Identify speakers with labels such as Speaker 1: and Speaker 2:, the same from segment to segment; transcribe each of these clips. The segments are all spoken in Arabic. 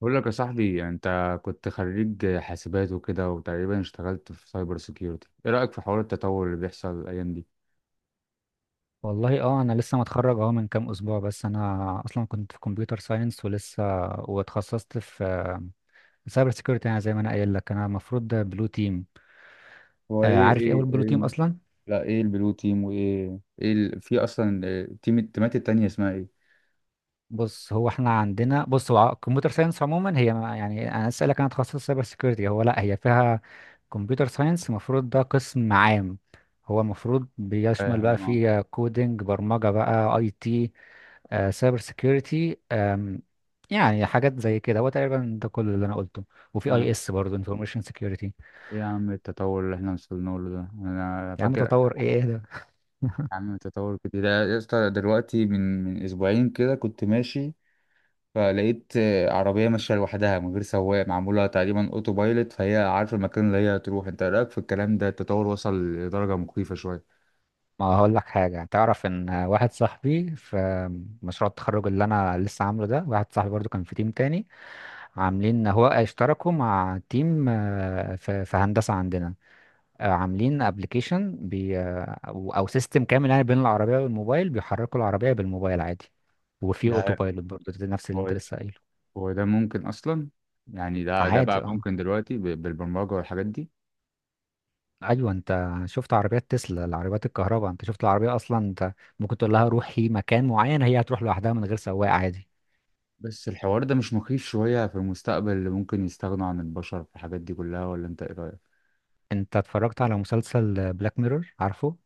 Speaker 1: بقول لك يا صاحبي، يعني انت كنت خريج حاسبات وكده وتقريبا اشتغلت في سايبر سيكيورتي. ايه رأيك في حوار التطور اللي بيحصل الايام دي؟
Speaker 2: والله انا لسه متخرج من كام اسبوع، بس انا اصلا كنت في كمبيوتر ساينس ولسه واتخصصت في سايبر سيكيورتي. يعني زي ما انا قايل لك، انا المفروض بلو تيم.
Speaker 1: هو ايه
Speaker 2: عارف ايه هو
Speaker 1: ايه
Speaker 2: البلو تيم
Speaker 1: ايه؟
Speaker 2: اصلا؟
Speaker 1: لا، ايه البلو تيم وايه ايه في اصلا، تيم، التيمات التانية اسمها ايه؟
Speaker 2: بص، هو احنا عندنا، بص هو كمبيوتر ساينس عموما هي يعني انا اسالك، انا اتخصصت سايبر سيكيورتي. هو لا، هي فيها كمبيوتر ساينس، المفروض ده قسم عام. هو المفروض بيشمل بقى،
Speaker 1: فاهم، اه.
Speaker 2: فيه كودينج، برمجة بقى، اي تي، سايبر سيكيورتي، يعني حاجات زي كده. هو تقريبا ده كل اللي انا قلته، وفي
Speaker 1: اه،
Speaker 2: اي اس برضه، انفورميشن سيكيورتي.
Speaker 1: ايه يا عم التطور اللي احنا وصلنا له ده، انا
Speaker 2: يا عم
Speaker 1: فاكر.
Speaker 2: تطور ايه ايه ده؟
Speaker 1: يا عم التطور كده ده، يا اسطى دلوقتي من اسبوعين كده كنت ماشي. فلقيت عربية ماشية لوحدها من غير سواق، معمولة تقريبا اوتو بايلوت، فهي عارفة المكان اللي هي هتروح. انت رأيك في الكلام ده؟ التطور وصل لدرجة مخيفة شوية.
Speaker 2: ما هقول لك حاجه، تعرف ان واحد صاحبي في مشروع التخرج اللي انا لسه عامله ده، واحد صاحبي برضه كان في تيم تاني، عاملين اشتركوا مع تيم في هندسه عندنا، عاملين ابلكيشن بي آه، او أو سيستم كامل، يعني بين العربيه والموبايل، بيحركوا العربيه بالموبايل عادي. وفي اوتو
Speaker 1: ده
Speaker 2: بايلوت برضه، ده نفس اللي انت
Speaker 1: هو
Speaker 2: لسه قايله.
Speaker 1: هو ده ممكن أصلا؟ يعني ده
Speaker 2: عادي
Speaker 1: بقى
Speaker 2: اه.
Speaker 1: ممكن دلوقتي بالبرمجة والحاجات دي؟
Speaker 2: ايوه، انت شفت عربيات تسلا، العربيات الكهرباء، انت شفت العربيه اصلا، انت ممكن تقول لها روحي مكان معين، هي هتروح لوحدها من غير سواق عادي.
Speaker 1: بس الحوار ده مش مخيف شوية في المستقبل اللي ممكن يستغنوا عن البشر في الحاجات دي كلها؟ ولا انت ايه رأيك؟
Speaker 2: انت اتفرجت على مسلسل بلاك ميرور، عارفه؟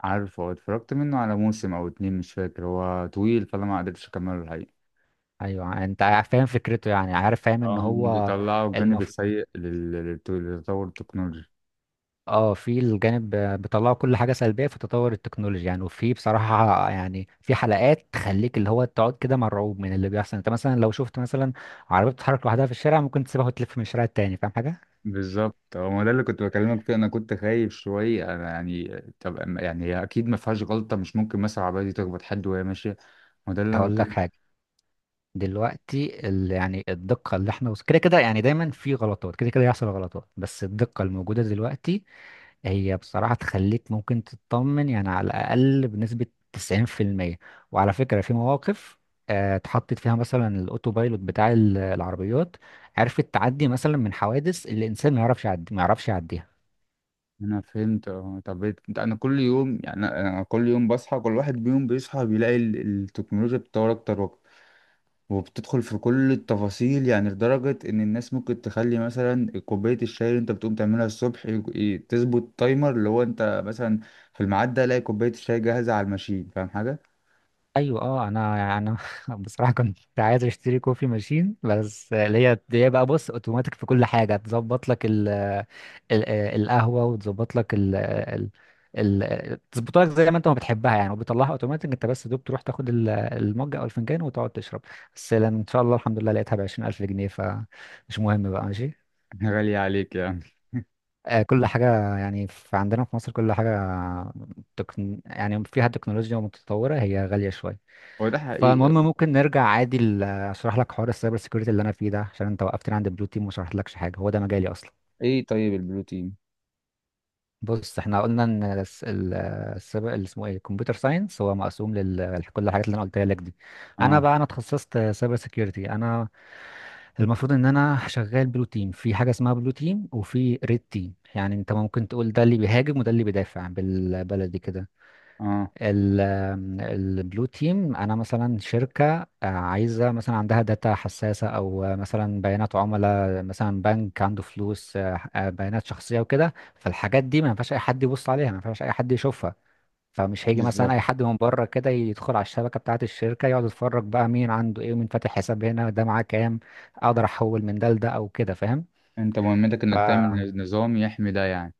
Speaker 1: عارف، هو اتفرجت منه على موسم أو اتنين، مش فاكر. هو طويل فأنا ما قدرتش أكمله الحقيقة.
Speaker 2: ايوه، فاهم فكرته، يعني عارف فاهم ان
Speaker 1: اه،
Speaker 2: هو
Speaker 1: بيطلعوا الجانب
Speaker 2: المف...
Speaker 1: السيء للتطور التكنولوجي.
Speaker 2: اه، في الجانب بيطلعوا كل حاجه سلبيه في تطور التكنولوجيا يعني، وفي بصراحه يعني في حلقات تخليك، اللي هو تقعد كده مرعوب من اللي بيحصل. انت مثلا لو شفت مثلا عربيه بتتحرك لوحدها في الشارع، ممكن تسيبها وتلف من الشارع التاني، فاهم حاجه؟
Speaker 1: بالظبط، هو ما ده اللي كنت بكلمك فيه. انا كنت خايف شويه انا، يعني طب يعني هي اكيد ما فيهاش غلطه؟ مش ممكن مثلا العربيه دي تخبط حد وهي ماشيه؟ ما ده اللي انا
Speaker 2: هقول لك
Speaker 1: بتكلم
Speaker 2: حاجه، دلوقتي يعني الدقة اللي احنا كده كده، يعني دايما في غلطات، كده كده يحصل غلطات، بس الدقة الموجودة دلوقتي هي بصراحة تخليك ممكن تطمن، يعني على الأقل بنسبة 90%. وعلى فكرة في مواقف اتحطت فيها مثلا الاوتو بايلوت بتاع العربيات، عرفت تعدي مثلا من حوادث اللي الانسان ما يعرفش يعدي، ما يعرفش يعديها.
Speaker 1: فيه. انا فهمت، اه. طب انا كل يوم، يعني انا كل يوم بصحى، كل واحد بيوم بيصحى بيلاقي التكنولوجيا بتطور اكتر واكتر، وبتدخل في كل التفاصيل. يعني لدرجه ان الناس ممكن تخلي مثلا كوبايه الشاي اللي انت بتقوم تعملها الصبح، تظبط تايمر اللي هو انت مثلا في الميعاد ده الاقي كوبايه الشاي جاهزه على الماشين، فاهم حاجه؟
Speaker 2: ايوه اه. انا بصراحه كنت عايز اشتري كوفي ماشين، بس اللي هي بقى، بص، اوتوماتيك في كل حاجه، تظبط لك ال القهوه، وتظبط لك ال تظبط لك زي ما انت ما بتحبها يعني، وبيطلعها اوتوماتيك، انت بس دوب تروح تاخد المج او الفنجان وتقعد تشرب. بس لأن ان شاء الله الحمد لله لقيتها ب 20000 جنيه، فمش مهم بقى، ماشي.
Speaker 1: غالية عليك يا
Speaker 2: كل حاجة يعني في عندنا في مصر، كل حاجة يعني فيها تكنولوجيا متطورة هي غالية شوية.
Speaker 1: هو ده
Speaker 2: فالمهم
Speaker 1: حقيقي.
Speaker 2: ممكن نرجع عادي اشرح لك حوار السايبر سيكيورتي اللي انا فيه ده، عشان انت وقفتني عند بلو تيم وما شرحتلكش حاجه، هو ده مجالي اصلا.
Speaker 1: ايه طيب البروتين؟
Speaker 2: بص، احنا قلنا ان السايبر، اللي اسمه ايه، الكمبيوتر ساينس، هو مقسوم لكل الحاجات اللي انا قلتها لك دي. انا
Speaker 1: اه.
Speaker 2: بقى انا اتخصصت سايبر سيكيورتي، انا المفروض ان انا شغال بلو تيم، في حاجه اسمها بلو تيم وفي ريد تيم. يعني انت ممكن تقول ده اللي بيهاجم وده اللي بيدافع، بالبلدي كده.
Speaker 1: اه،
Speaker 2: البلو تيم، انا مثلا شركه عايزه، مثلا عندها داتا حساسه، او مثلا بيانات عملاء، مثلا بنك عنده فلوس، بيانات شخصيه وكده، فالحاجات دي ما ينفعش اي حد يبص عليها، ما ينفعش اي حد يشوفها. فمش هيجي مثلا
Speaker 1: بالظبط.
Speaker 2: اي حد من بره كده يدخل على الشبكه بتاعه الشركه، يقعد يتفرج بقى مين عنده ايه ومين فاتح حساب هنا، ده معاه كام، اقدر احول من ده لده او كده، فاهم.
Speaker 1: انت مهمتك انك تعمل نظام يحمي ده يعني؟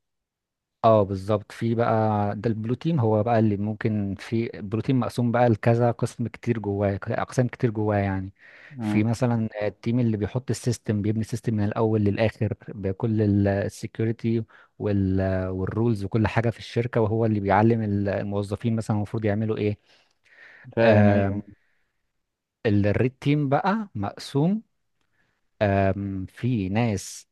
Speaker 2: اه بالظبط، في بقى، ده البروتين. هو بقى اللي ممكن، في البروتين مقسوم بقى لكذا قسم كتير جواه، اقسام كتير جواه يعني.
Speaker 1: اه،
Speaker 2: في مثلا التيم اللي بيحط السيستم، بيبني السيستم من الاول للاخر بكل السكيورتي والرولز وكل حاجه في الشركه، وهو اللي بيعلم الموظفين مثلا المفروض يعملوا ايه.
Speaker 1: فاهم، ايوه.
Speaker 2: الريد تيم بقى مقسوم، في ناس،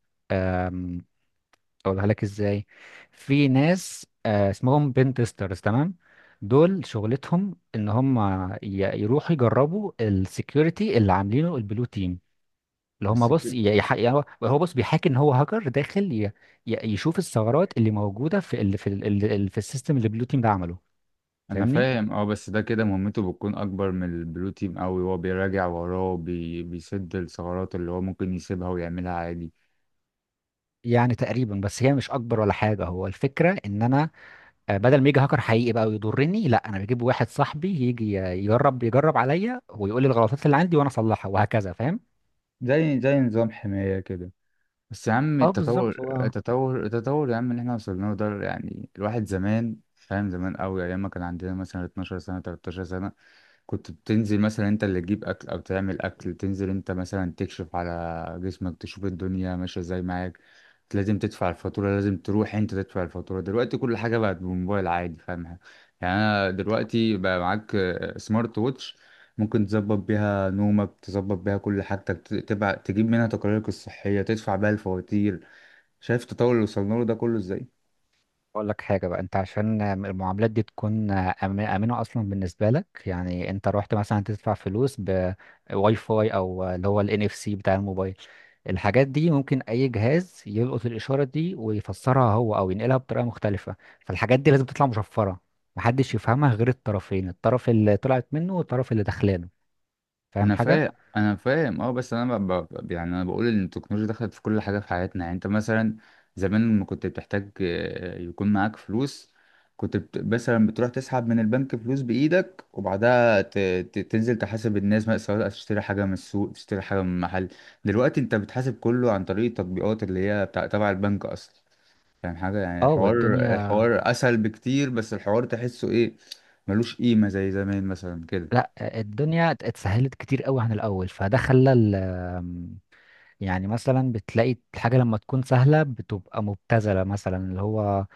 Speaker 2: اقولها لك ازاي، في ناس اسمهم بين تيسترز، تمام، دول شغلتهم ان هم يروحوا يجربوا السكيورتي اللي عاملينه البلو تيم، اللي هم
Speaker 1: بس كده؟
Speaker 2: يعني هو بص بيحاكي ان هو هاكر داخل يشوف الثغرات اللي موجوده في السيستم اللي البلو تيم ده عمله،
Speaker 1: انا
Speaker 2: فاهمني؟
Speaker 1: فاهم، اه. بس ده كده مهمته بتكون اكبر من البروتين قوي. هو بيراجع وراه بيسد الثغرات اللي هو ممكن يسيبها ويعملها عادي.
Speaker 2: يعني تقريبا، بس هي مش اكبر ولا حاجه، هو الفكره ان انا بدل ما يجي هاكر حقيقي بقى ويضرني، لا، انا بجيب واحد صاحبي يجي يجرب عليا ويقول لي الغلطات اللي عندي وانا اصلحها وهكذا، فاهم.
Speaker 1: زي نظام حماية كده. بس يا عم،
Speaker 2: اه بالظبط.
Speaker 1: التطور
Speaker 2: هو
Speaker 1: التطور التطور يا عم اللي احنا وصلنا له ده، يعني الواحد زمان فاهم زمان قوي ايام ما كان عندنا مثلا 12 سنة، 13 سنة. كنت بتنزل مثلا انت اللي تجيب اكل او تعمل اكل، تنزل انت مثلا تكشف على جسمك تشوف الدنيا ماشية ازاي معاك. لازم تدفع الفاتورة، لازم تروح انت تدفع الفاتورة. دلوقتي كل حاجة بقت بالموبايل عادي، فاهمها؟ يعني انا دلوقتي بقى معاك سمارت ووتش. ممكن تظبط بيها نومك، تظبط بيها كل حاجتك، تبع تجيب منها تقاريرك الصحية، تدفع بيها الفواتير. شايف التطور اللي وصلنا له ده كله ازاي؟
Speaker 2: اقول لك حاجه بقى، انت عشان المعاملات دي تكون امنه اصلا بالنسبه لك، يعني انت رحت مثلا تدفع فلوس بواي فاي، او اللي هو الان اف سي بتاع الموبايل، الحاجات دي ممكن اي جهاز يلقط الاشاره دي ويفسرها هو، او ينقلها بطريقه مختلفه، فالحاجات دي لازم تطلع مشفره، محدش يفهمها غير الطرفين، الطرف اللي طلعت منه والطرف اللي دخلان، فاهم
Speaker 1: انا
Speaker 2: حاجة؟
Speaker 1: فاهم، انا فاهم، اه. بس انا يعني انا بقول ان التكنولوجيا دخلت في كل حاجه في حياتنا، يعني انت مثلا. زمان لما كنت بتحتاج يكون معاك فلوس. كنت مثلا بتروح تسحب من البنك فلوس بايدك، وبعدها تنزل تحاسب الناس بقى، سواء تشتري حاجه من السوق، تشتري حاجه من محل. دلوقتي انت بتحاسب كله عن طريق التطبيقات اللي هي بتاع تبع البنك اصلا. يعني حاجه، يعني
Speaker 2: اه
Speaker 1: الحوار
Speaker 2: والدنيا.
Speaker 1: الحوار اسهل بكتير. بس الحوار تحسه ايه؟ ملوش قيمه زي زمان مثلا كده.
Speaker 2: لا، الدنيا اتسهلت كتير قوي عن الأول، فده خلى ال- آم، يعني مثلا بتلاقي الحاجة لما تكون سهلة بتبقى مبتذلة، مثلا اللي هو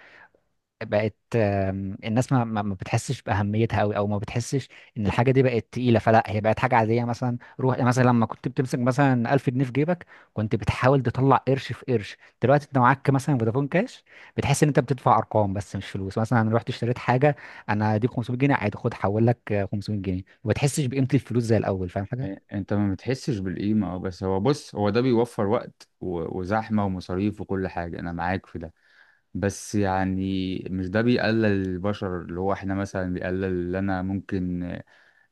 Speaker 2: بقت، الناس ما بتحسش بأهميتها قوي، او ما بتحسش ان الحاجة دي بقت تقيلة، فلا هي بقت حاجة عادية. مثلا روح، يعني مثلا لما كنت بتمسك مثلا 1000 جنيه في جيبك، كنت بتحاول تطلع قرش في قرش. دلوقتي انت معاك مثلا فودافون كاش، بتحس ان انت بتدفع ارقام بس مش فلوس. مثلا انا رحت اشتريت حاجة، انا دي 500 جنيه، عادي، خد حول لك 500 جنيه، وما بتحسش بقيمة الفلوس زي الاول، فاهم حاجة؟
Speaker 1: انت ما بتحسش بالقيمة، اه. بس هو بص، هو ده بيوفر وقت وزحمة ومصاريف وكل حاجة، انا معاك في ده. بس يعني مش ده بيقلل البشر؟ اللي هو احنا مثلا بيقلل اللي انا ممكن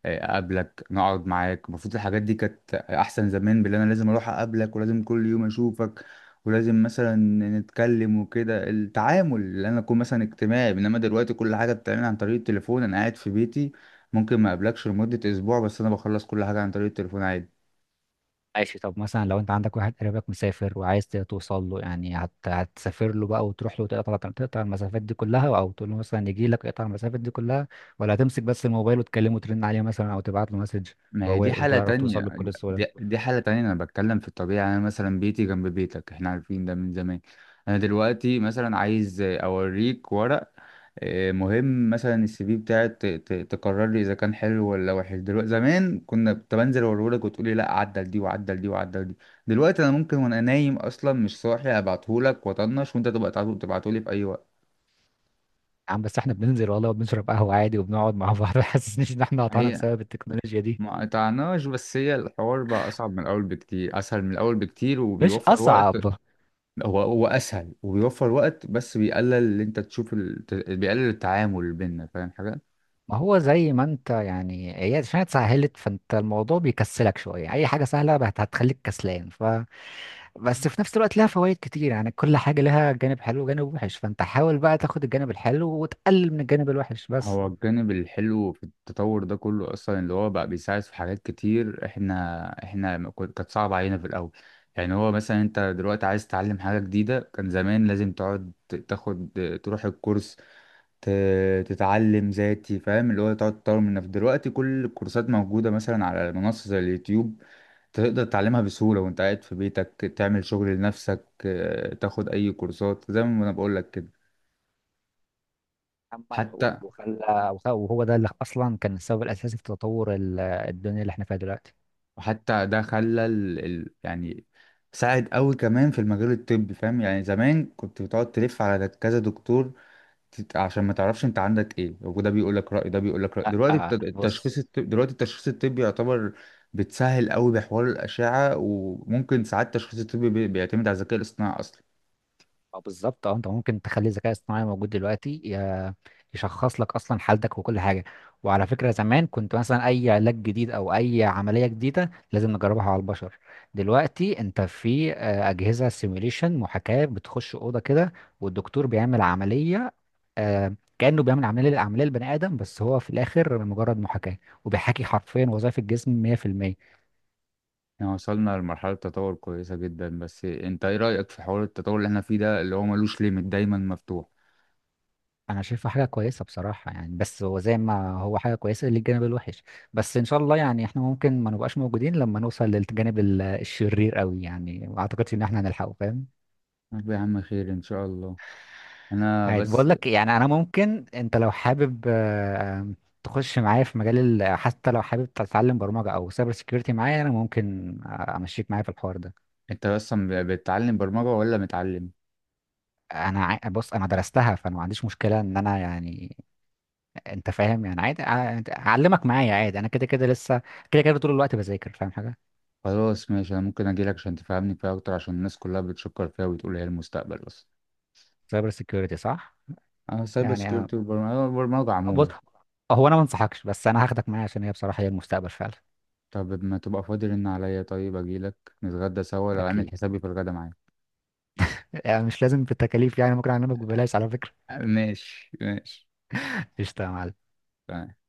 Speaker 1: اقابلك نقعد معاك. المفروض الحاجات دي كانت احسن زمان باللي انا لازم اروح اقابلك، ولازم كل يوم اشوفك. ولازم مثلا نتكلم وكده. التعامل اللي انا اكون مثلا اجتماعي، انما دلوقتي كل حاجة بتعمل عن طريق التليفون، انا قاعد في بيتي. ممكن ما اقابلكش لمدة اسبوع، بس انا بخلص كل حاجة عن طريق التليفون عادي.
Speaker 2: ماشي، طب مثلا لو انت عندك واحد قريبك مسافر وعايز توصل له، يعني هتسافر له بقى وتروح له، تقطع المسافات دي كلها، او تقول له مثلا يجي لك يقطع المسافات دي كلها، ولا هتمسك بس الموبايل وتكلمه وترن عليه مثلا او تبعت له مسج
Speaker 1: ما هي دي
Speaker 2: وهو،
Speaker 1: حالة
Speaker 2: وتعرف توصل
Speaker 1: تانية.
Speaker 2: له بكل سهوله؟
Speaker 1: دي حالة تانية، أنا بتكلم في الطبيعة. أنا مثلا بيتي جنب بيتك، إحنا عارفين ده من زمان. أنا دلوقتي مثلا عايز أوريك ورق. مهم مثلا السي في بتاعك تقرر لي إذا كان حلو ولا وحش دلوقتي. زمان كنا كنت بنزل أوريهولك وتقولي لأ عدل دي، وعدل دي، وعدل دي. دلوقتي أنا ممكن وأنا نايم أصلا مش صاحي أبعتهولك وأطنش، وأنت تبقى تبعتهولي في أي وقت.
Speaker 2: يا عم بس احنا بننزل والله وبنشرب قهوه عادي وبنقعد مع بعض ما حسسنيش ان احنا قطعنا
Speaker 1: هي
Speaker 2: بسبب التكنولوجيا دي.
Speaker 1: ما قطعناش، بس هي الحوار بقى أصعب من الأول بكتير، أسهل من الأول بكتير
Speaker 2: مش
Speaker 1: وبيوفر وقت.
Speaker 2: اصعب.
Speaker 1: هو اسهل وبيوفر وقت، بس بيقلل اللي انت تشوف بيقلل التعامل بيننا، فاهم حاجه؟
Speaker 2: ما هو زي ما انت يعني، هي عشان اتسهلت فانت الموضوع بيكسلك شويه، اي حاجه سهله هتخليك كسلان، بس في نفس الوقت لها فوائد كتير، يعني كل حاجة لها جانب حلو وجانب وحش، فانت حاول بقى تاخد الجانب الحلو وتقلل من الجانب الوحش بس.
Speaker 1: هو الجانب الحلو في التطور ده كله اصلا، اللي هو بقى بيساعد في حاجات كتير احنا ما كن- كانت صعبه علينا في الاول. يعني هو مثلا انت دلوقتي عايز تتعلم حاجه جديده، كان زمان لازم تقعد تاخد تروح الكورس، ت... تتعلم ذاتي، فاهم؟ اللي هو تقعد تطور من نفسك. دلوقتي كل الكورسات موجوده مثلا على منصه زي اليوتيوب. تقدر تتعلمها بسهولة وانت قاعد في بيتك. تعمل شغل لنفسك، تاخد اي كورسات زي ما انا بقول لك كده.
Speaker 2: أما العود
Speaker 1: حتى
Speaker 2: وخلى وهو ده اللي أصلا كان السبب الأساسي في تطور الدنيا اللي احنا فيها دلوقتي.
Speaker 1: حتى ده خلى يعني ساعد قوي كمان في المجال الطبي، فاهم؟ يعني زمان كنت بتقعد تلف على كذا دكتور. عشان ما تعرفش انت عندك ايه، وده بيقول لك رأي ده بيقول لك رأي.
Speaker 2: لا بص.
Speaker 1: دلوقتي التشخيص الطبي يعتبر بتسهل قوي بحوار الأشعة، وممكن ساعات التشخيص الطبي بيعتمد على الذكاء الاصطناعي اصلا.
Speaker 2: اه بالظبط، اه، انت ممكن تخلي الذكاء الاصطناعي موجود دلوقتي يشخص لك اصلا حالتك وكل حاجه. وعلى فكره زمان كنت مثلا اي علاج جديد او اي عمليه جديده لازم نجربها على البشر، دلوقتي انت في اجهزه سيميوليشن محاكاه، بتخش اوضه كده والدكتور بيعمل عمليه، كانه بيعمل عمليه للعمليه البني ادم، بس هو في الاخر مجرد محاكاه، وبيحاكي حرفيا وظائف الجسم 100%.
Speaker 1: احنا وصلنا لمرحلة تطور كويسة جدا. بس انت ايه رأيك في حوار التطور اللي احنا فيه ده اللي هو ملوش ليميت، دايما مفتوح؟
Speaker 2: انا شايفه حاجه كويسه بصراحه يعني، بس هو زي ما هو حاجه كويسه، للجانب الوحش بس ان شاء الله يعني احنا ممكن ما نبقاش موجودين لما نوصل للجانب الشرير قوي، يعني ما اعتقدش ان احنا هنلحقه، فاهم.
Speaker 1: طب يا عم خير ان شاء الله. انا
Speaker 2: عادي بقول
Speaker 1: بس.
Speaker 2: لك، يعني انا ممكن انت لو حابب تخش معايا في مجال حتى لو حابب تتعلم برمجه او سايبر سيكيورتي معايا، انا ممكن امشيك معايا في الحوار ده.
Speaker 1: انت اصلا بتتعلم برمجة ولا متعلم؟
Speaker 2: بص انا درستها، فانا ما عنديش مشكله ان انا يعني، انت فاهم يعني، عادي اعلمك معايا عادي، انا كده كده لسه، كده كده طول الوقت بذاكر، فاهم حاجه.
Speaker 1: خلاص ماشي، انا ممكن اجيلك عشان تفهمني فيها اكتر، عشان الناس كلها بتشكر فيها وبتقول هي المستقبل اصلا.
Speaker 2: سايبر سيكيورتي صح.
Speaker 1: انا سايبر
Speaker 2: يعني
Speaker 1: سكيورتي، والبرمجة البرمجة
Speaker 2: بص،
Speaker 1: عموما.
Speaker 2: هو انا ما انصحكش، بس انا هاخدك معايا عشان هي بصراحه هي المستقبل فعلا.
Speaker 1: طب ما تبقى فاضي رن عليا، طيب اجيلك نتغدى سوا لو عامل
Speaker 2: اكيد،
Speaker 1: حسابي في الغدا معايا.
Speaker 2: يعني مش لازم بالتكاليف، يعني ممكن اعلمك ببلاش على فكره.
Speaker 1: ماشي، ماشي.
Speaker 2: قشطه يا معلم.
Speaker 1: تمام.